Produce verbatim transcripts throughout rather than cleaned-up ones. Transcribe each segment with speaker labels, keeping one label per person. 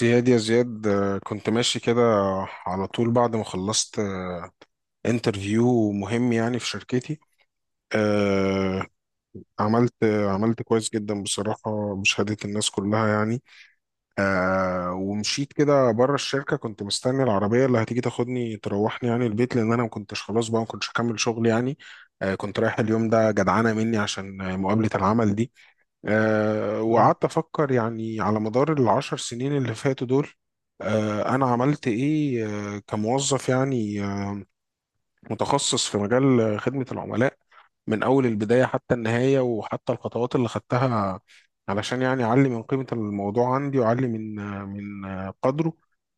Speaker 1: زياد، يا زياد، آه، كنت ماشي كده على طول بعد ما خلصت انترفيو مهم يعني في شركتي. آه، عملت عملت كويس جدا بصراحة بشهادة الناس كلها يعني. آه، ومشيت كده بره الشركة، كنت مستني العربية اللي هتيجي تاخدني تروحني يعني البيت، لأن أنا ما كنتش خلاص بقى، ما كنتش هكمل شغل يعني. آه، كنت رايح اليوم ده جدعانة مني عشان آه، مقابلة العمل دي. أه
Speaker 2: أيوة.
Speaker 1: وقعدت أفكر يعني على مدار العشر سنين اللي فاتوا دول. أه أنا عملت إيه أه كموظف يعني متخصص في مجال خدمة العملاء، من أول البداية حتى النهاية، وحتى الخطوات اللي خدتها علشان يعني أعلي من قيمة الموضوع عندي، وأعلي من من قدره.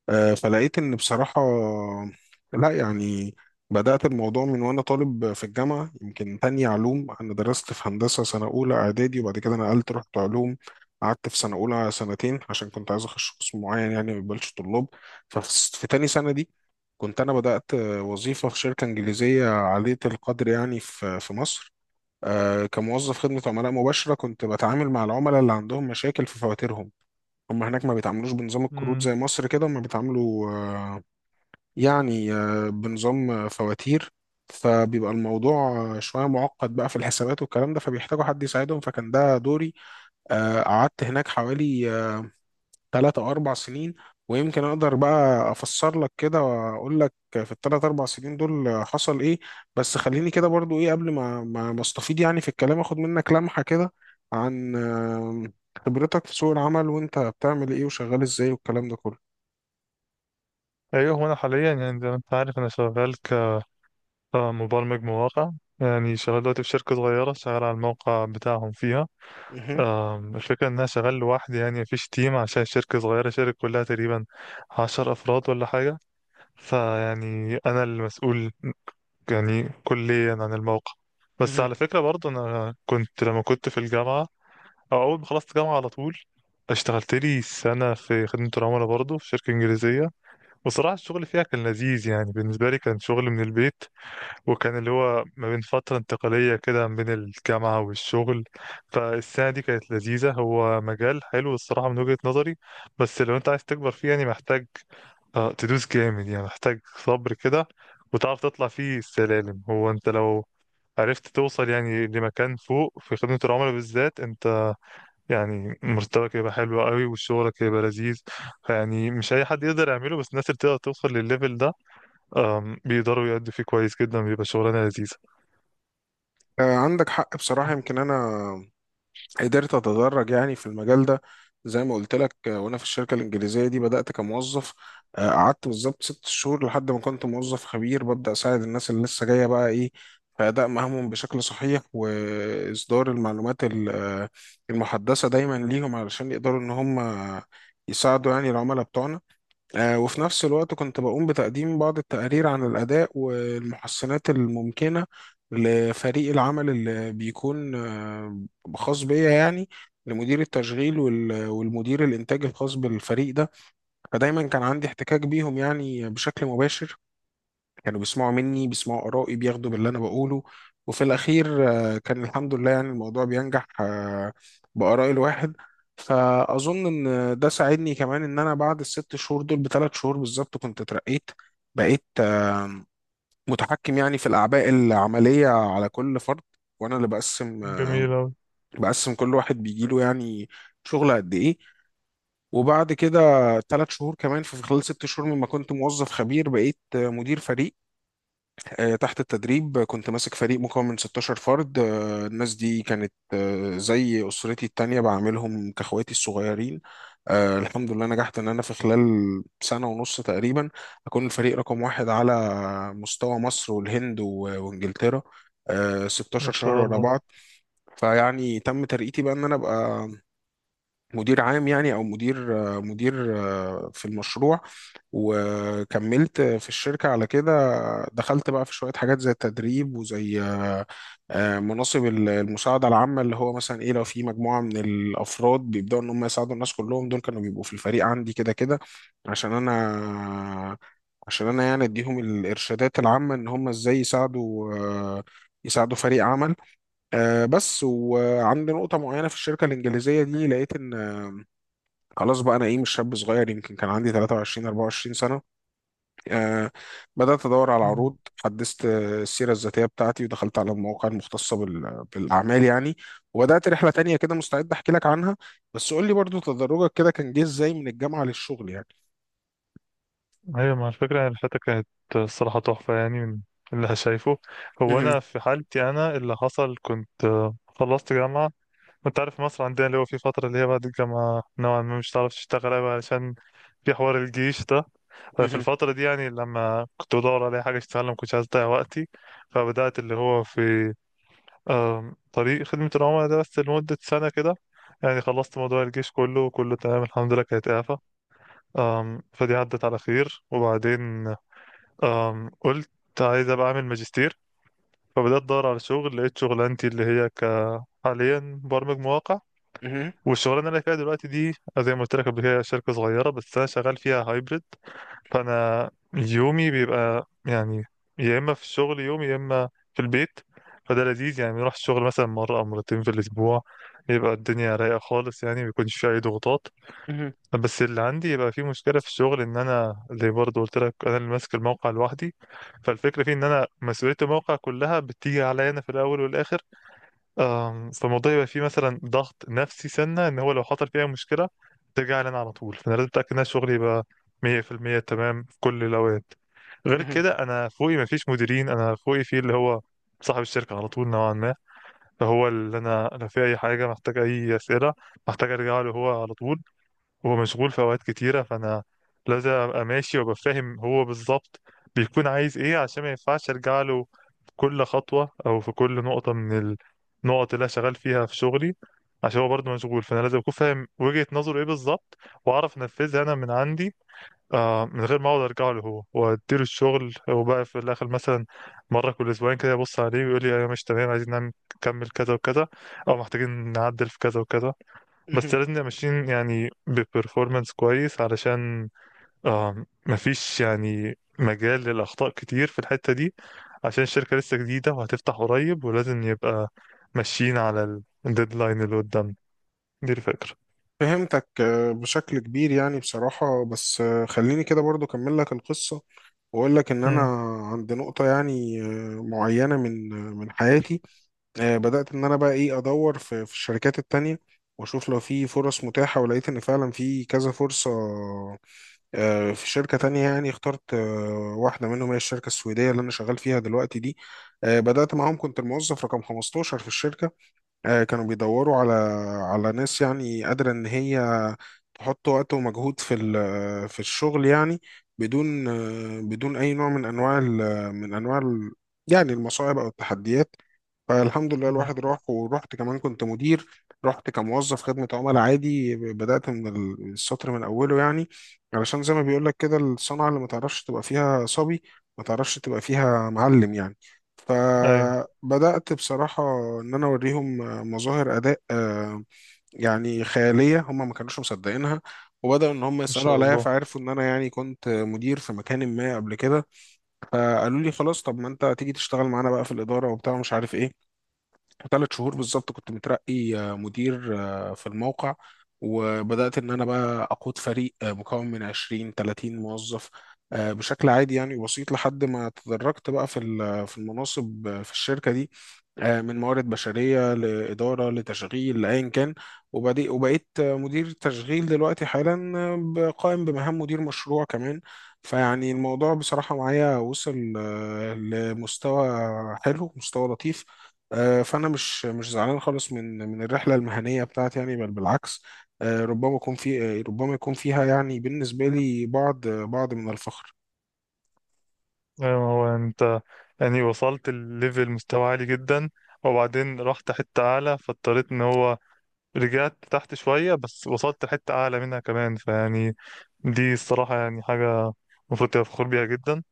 Speaker 1: آه، فلقيت إن بصراحة، لا يعني بدأت الموضوع من وأنا طالب في الجامعة، يمكن تانية علوم. أنا درست في هندسة سنة أولى إعدادي، وبعد كده نقلت رحت علوم. قعدت في سنة أولى سنتين عشان كنت عايز أخش قسم معين يعني ما يقبلش طلاب. ففي تاني سنة دي كنت أنا بدأت وظيفة في شركة إنجليزية عالية القدر يعني في في مصر. آه، كموظف خدمة عملاء مباشرة، كنت بتعامل مع العملاء اللي عندهم مشاكل في فواتيرهم. هم هناك ما بيتعاملوش بنظام الكروت
Speaker 2: أمم.
Speaker 1: زي مصر كده، هم بيتعاملوا آه، يعني آه، بنظام آه، فواتير. فبيبقى الموضوع آه، شوية معقد بقى في الحسابات والكلام ده، فبيحتاجوا حد يساعدهم، فكان ده دوري. آه، قعدت هناك حوالي ثلاث او اربع سنين. ويمكن اقدر بقى افسر لك كده واقول لك في الثلاث اربع سنين دول حصل ايه. بس خليني كده برضو ايه قبل ما ما ما استفيض يعني في الكلام، اخد منك لمحة كده عن آم، خبرتك في سوق العمل، وانت بتعمل ايه وشغال ازاي والكلام ده كله.
Speaker 2: أيوه، هو أنا حاليا يعني زي ما أنت عارف أنا شغال كمبرمج مواقع. يعني شغال دلوقتي في شركة صغيرة، شغال على الموقع بتاعهم فيها.
Speaker 1: مهم.
Speaker 2: آم، الفكرة إن أنا شغال لوحدي يعني مفيش تيم، عشان شركة صغيرة، شركة كلها تقريبا عشر أفراد ولا حاجة. فيعني أنا المسؤول يعني كليا عن الموقع. بس
Speaker 1: مهم.
Speaker 2: على فكرة برضه أنا كنت لما كنت في الجامعة أو أول ما خلصت جامعة، على طول اشتغلت لي سنة في خدمة العملاء برضه في شركة إنجليزية. وصراحة الشغل فيها كان لذيذ، يعني بالنسبة لي كان شغل من البيت، وكان اللي هو ما بين فترة انتقالية كده ما بين الجامعة والشغل. فالسنة دي كانت لذيذة، هو مجال حلو الصراحة من وجهة نظري. بس لو انت عايز تكبر فيه يعني محتاج آه، تدوس جامد، يعني محتاج صبر كده وتعرف تطلع فيه السلالم. هو انت لو عرفت توصل يعني لمكان فوق في خدمة العملاء بالذات، انت يعني مرتبك يبقى حلو قوي وشغلك يبقى لذيذ. يعني مش اي حد يقدر يعمله، بس الناس اللي تقدر توصل للليفل ده أم، بيقدروا يأدوا فيه كويس جدا، بيبقى شغلانه لذيذه.
Speaker 1: آه، عندك حق بصراحة. يمكن أنا قدرت اتدرج يعني في المجال ده زي ما قلت لك. آه، وانا في الشركه الانجليزيه دي بدات كموظف. آه، قعدت بالظبط ست شهور لحد ما كنت موظف خبير، ببدا اساعد الناس اللي لسه جايه بقى ايه في اداء مهامهم بشكل صحيح، واصدار المعلومات ال- آه، المحدثه دايما ليهم علشان يقدروا ان هم يساعدوا يعني العملاء بتوعنا. آه، وفي نفس الوقت كنت بقوم بتقديم بعض التقارير عن الأداء والمحسنات الممكنة لفريق العمل اللي بيكون آه، خاص بيا، يعني لمدير التشغيل وال- والمدير الإنتاج الخاص بالفريق ده. فدايما كان عندي احتكاك بيهم يعني بشكل مباشر، كانوا بيسمعوا مني، بيسمعوا آرائي، بياخدوا باللي أنا بقوله. وفي الأخير آه، كان الحمد لله يعني الموضوع بينجح آه، بآراء الواحد. فأظن إن ده ساعدني كمان إن أنا بعد الست شهور دول بثلاث شهور بالظبط كنت اترقيت، بقيت آه، متحكم يعني في الأعباء العملية على كل فرد، وأنا اللي بقسم آه،
Speaker 2: جميل أوي.
Speaker 1: بقسم كل واحد بيجيله يعني شغل قد إيه. وبعد كده ثلاث شهور كمان، في خلال ست شهور مما كنت موظف خبير، بقيت آه، مدير فريق آه، تحت التدريب. كنت ماسك فريق مكون من 16 فرد. آه، الناس دي كانت آه، زي أسرتي التانية بعاملهم كأخواتي الصغيرين. آه، الحمد لله نجحت إن أنا في خلال سنة ونص تقريبا أكون الفريق رقم واحد على مستوى مصر والهند و- وإنجلترا. آه،
Speaker 2: ما
Speaker 1: 16 شهر
Speaker 2: شاء
Speaker 1: ورا
Speaker 2: الله.
Speaker 1: بعض. فيعني تم ترقيتي بقى إن أنا أبقى مدير عام يعني او مدير مدير في المشروع. وكملت في الشركه على كده. دخلت بقى في شويه حاجات زي التدريب وزي آه، مناصب المساعده العامه، اللي هو مثلا ايه لو في مجموعه من الافراد بيبداوا ان هم يساعدوا الناس كلهم، دول كانوا بيبقوا في الفريق عندي كده كده، عشان انا عشان انا يعني اديهم الارشادات العامه ان هم ازاي يساعدوا يساعدوا فريق عمل. آه، بس وعند نقطة معينة في الشركة الإنجليزية دي لقيت إن خلاص بقى، انا ايه مش شاب صغير، يمكن كان عندي تلاتة وعشرين اربعة وعشرين سنة سنه. آه بدات ادور على
Speaker 2: مم.
Speaker 1: عروض، حدثت آه، السيره الذاتيه بتاعتي، ودخلت على المواقع المختصه بال- بالاعمال يعني. وبدات رحله تانية كده، مستعد احكي لك عنها، بس قول لي برضو تدرجك كده كان جه ازاي من الجامعه للشغل يعني.
Speaker 2: أيوة، مع الفكرة يعني الحتة كانت الصراحة تحفة يعني من اللي شايفه. هو
Speaker 1: مهم،
Speaker 2: أنا في حالتي أنا اللي حصل كنت آه، خلصت جامعة، وأنت عارف مصر عندنا اللي هو في فترة اللي هي بعد الجامعة نوعا ما مش هتعرف تشتغل أوي، علشان في حوار الجيش ده. ففي
Speaker 1: مهم،
Speaker 2: الفترة دي يعني لما كنت بدور على حاجة اشتغلها ما كنتش عايز أضيع وقتي، فبدأت اللي هو في آم، طريق خدمة العملاء ده بس لمدة سنة كده. يعني خلصت موضوع الجيش كله وكله تمام الحمد لله، كانت إعفاء. آم، فدي عدت على خير، وبعدين آم، قلت عايز أبقى أعمل ماجستير. فبدأت أدور على شغل، لقيت شغلانتي اللي هي ك حاليا برمج مواقع.
Speaker 1: مهم،
Speaker 2: والشغلانة اللي أنا فيها دلوقتي دي زي ما قلت لك قبل كده شركة صغيرة، بس أنا شغال فيها هايبرد. فانا يومي بيبقى يعني يا اما في الشغل يوم، يا اما في البيت. فده لذيذ، يعني بنروح الشغل مثلا مره او مرتين في الاسبوع، يبقى الدنيا رايقه خالص يعني ما بيكونش فيه اي ضغوطات.
Speaker 1: مهم،
Speaker 2: بس اللي عندي يبقى فيه مشكله في الشغل، ان انا زي برضه قلت لك، انا اللي ماسك الموقع لوحدي. فالفكره فيه ان انا مسؤوليه الموقع كلها بتيجي عليا انا في الاول والاخر. آم، فالموضوع يبقى فيه مثلا ضغط نفسي، سنة ان هو لو حصل فيها مشكلة ترجع لنا على طول، فانا لازم اتاكد ان أنا شغلي يبقى مية في المية تمام في كل الاوقات. غير
Speaker 1: مهم،
Speaker 2: كده انا فوقي مفيش مديرين، انا فوقي فيه اللي هو صاحب الشركة على طول نوعا ما. فهو اللي انا لو في اي حاجة، محتاج اي اسئلة، محتاج ارجع له هو على طول. هو مشغول في اوقات كتيره، فانا لازم ابقى ماشي وابقى فاهم هو بالظبط بيكون عايز ايه، عشان ما ينفعش ارجع له في كل خطوه او في كل نقطه من النقط اللي انا شغال فيها في شغلي. عشان هو برضه مشغول، فانا لازم اكون فاهم وجهه نظره ايه بالظبط، واعرف انفذها انا من عندي آه من غير ما اقعد ارجع له هو واديله الشغل. وبقى في الاخر مثلا مره كل اسبوعين كده يبص عليه ويقول لي انا مش تمام، عايزين نعمل- نكمل كذا وكذا، او محتاجين نعدل في كذا وكذا. بس
Speaker 1: مهم.
Speaker 2: لازم نبقى ماشيين يعني ببرفورمانس كويس، علشان آه مفيش يعني مجال للأخطاء كتير في الحتة دي، عشان الشركة لسه جديدة وهتفتح قريب، ولازم يبقى ماشيين على الديدلاين اللي قدامنا. دي الفكرة.
Speaker 1: فهمتك آه، بشكل كبير يعني بصراحه، بس آه، خليني كده برضو اكمل لك القصه، واقول لك ان انا
Speaker 2: مم.
Speaker 1: عند نقطه يعني آه، معينه من آه، من حياتي. آه، بدأت إن أنا بقى إيه أدور في في الشركات التانية، وأشوف لو في فرص متاحة. ولقيت إن فعلا في كذا فرصة آه، في شركة تانية، يعني اخترت آه، واحدة منهم، هي الشركة السويدية اللي أنا شغال فيها دلوقتي دي. آه، بدأت معاهم كنت الموظف رقم خمسة عشر في الشركة. آه، كانوا بيدوروا على على ناس يعني قادرة إن هي تحط وقت ومجهود في ال- في الشغل يعني، بدون آه، بدون أي نوع من أنواع ال- من أنواع ال- يعني المصاعب أو التحديات. فالحمد لله،
Speaker 2: مم.
Speaker 1: الواحد راح، ورحت كمان كنت مدير. رحت كموظف خدمة عملاء عادي، بدأت من ال- السطر من أوله يعني، علشان زي ما بيقول لك كده الصنعة اللي ما تعرفش تبقى فيها صبي، ما تعرفش تبقى فيها معلم يعني.
Speaker 2: أيوة.
Speaker 1: فبدأت بصراحة إن أنا أوريهم مظاهر أداء آه، يعني خيالية هم ما كانوش مصدقينها. وبدأوا إن هم
Speaker 2: إن
Speaker 1: يسألوا
Speaker 2: شاء
Speaker 1: عليا،
Speaker 2: الله.
Speaker 1: فعرفوا إن أنا يعني كنت مدير في مكان ما قبل كده. فقالوا لي خلاص، طب ما أنت تيجي تشتغل معانا بقى في الإدارة وبتاع مش عارف إيه. ثلاث شهور بالظبط كنت مترقي آه، مدير آه، في الموقع. وبدأت إن أنا بقى أقود فريق آه، مكون من عشرين تلاتين موظف. آه، بشكل عادي يعني بسيط، لحد ما تدرجت بقى في ال- في المناصب آه، في الشركة دي، آه، من موارد بشرية لإدارة لتشغيل لأيا كان. وبدي- وبقيت آه، مدير تشغيل دلوقتي حالا، آه، ب- قائم بمهام مدير مشروع كمان. فيعني الموضوع بصراحة معايا وصل آه، لمستوى حلو مستوى لطيف. آه، فانا مش مش زعلان خالص من من الرحله المهنيه بتاعتي يعني، بل بالعكس. آه، ربما يكون في آه، ربما يكون فيها، يعني بالنسبه لي بعض بعض من الفخر.
Speaker 2: أيوة، هو أنت يعني وصلت الليفل مستوى عالي جدا، وبعدين رحت حتة أعلى فاضطريت إن هو رجعت تحت شوية، بس وصلت حتة أعلى منها كمان، فيعني دي الصراحة يعني حاجة المفروض تبقى فخور بيها جدا.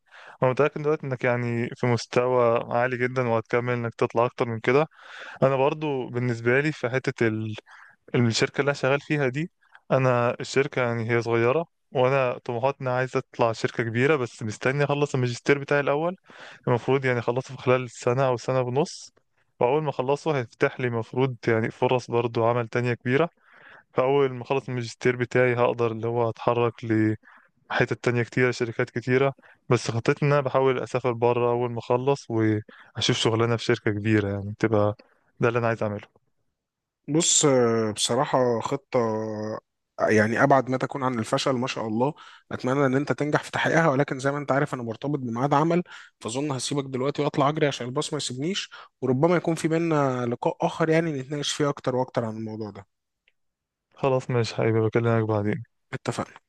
Speaker 2: أنا متأكد دلوقتي إنك يعني في مستوى عالي جدا، وهتكمل إنك تطلع أكتر من كده. أنا برضو بالنسبة لي في حتة ال... الشركة اللي أنا شغال فيها دي، أنا الشركة يعني هي صغيرة، وأنا طموحاتنا عايز أطلع شركة كبيرة، بس مستني أخلص الماجستير بتاعي الأول. المفروض يعني أخلصه في خلال سنة أو سنة ونص، وأول ما أخلصه هيفتح لي المفروض يعني فرص برضو عمل تانية كبيرة. فأول ما أخلص الماجستير بتاعي هقدر اللي هو أتحرك لحتت تانية كتيرة شركات كتيرة. بس خطتي إن أنا بحاول أسافر بره أول ما أخلص وأشوف شغلانة في شركة كبيرة يعني تبقى، ده اللي أنا عايز أعمله.
Speaker 1: بص آه، بصراحه خطه آه، يعني ابعد ما تكون عن الفشل، ما شاء الله. اتمنى ان انت تنجح في تحقيقها، ولكن زي ما انت عارف انا مرتبط بميعاد عمل، فاظن هسيبك دلوقتي واطلع اجري عشان الباص ما يسيبنيش. وربما يكون في بينا لقاء اخر يعني، نتناقش فيه اكتر واكتر عن الموضوع ده.
Speaker 2: خلاص ماشي، هيبقى بكلمك بعدين.
Speaker 1: اتفقنا.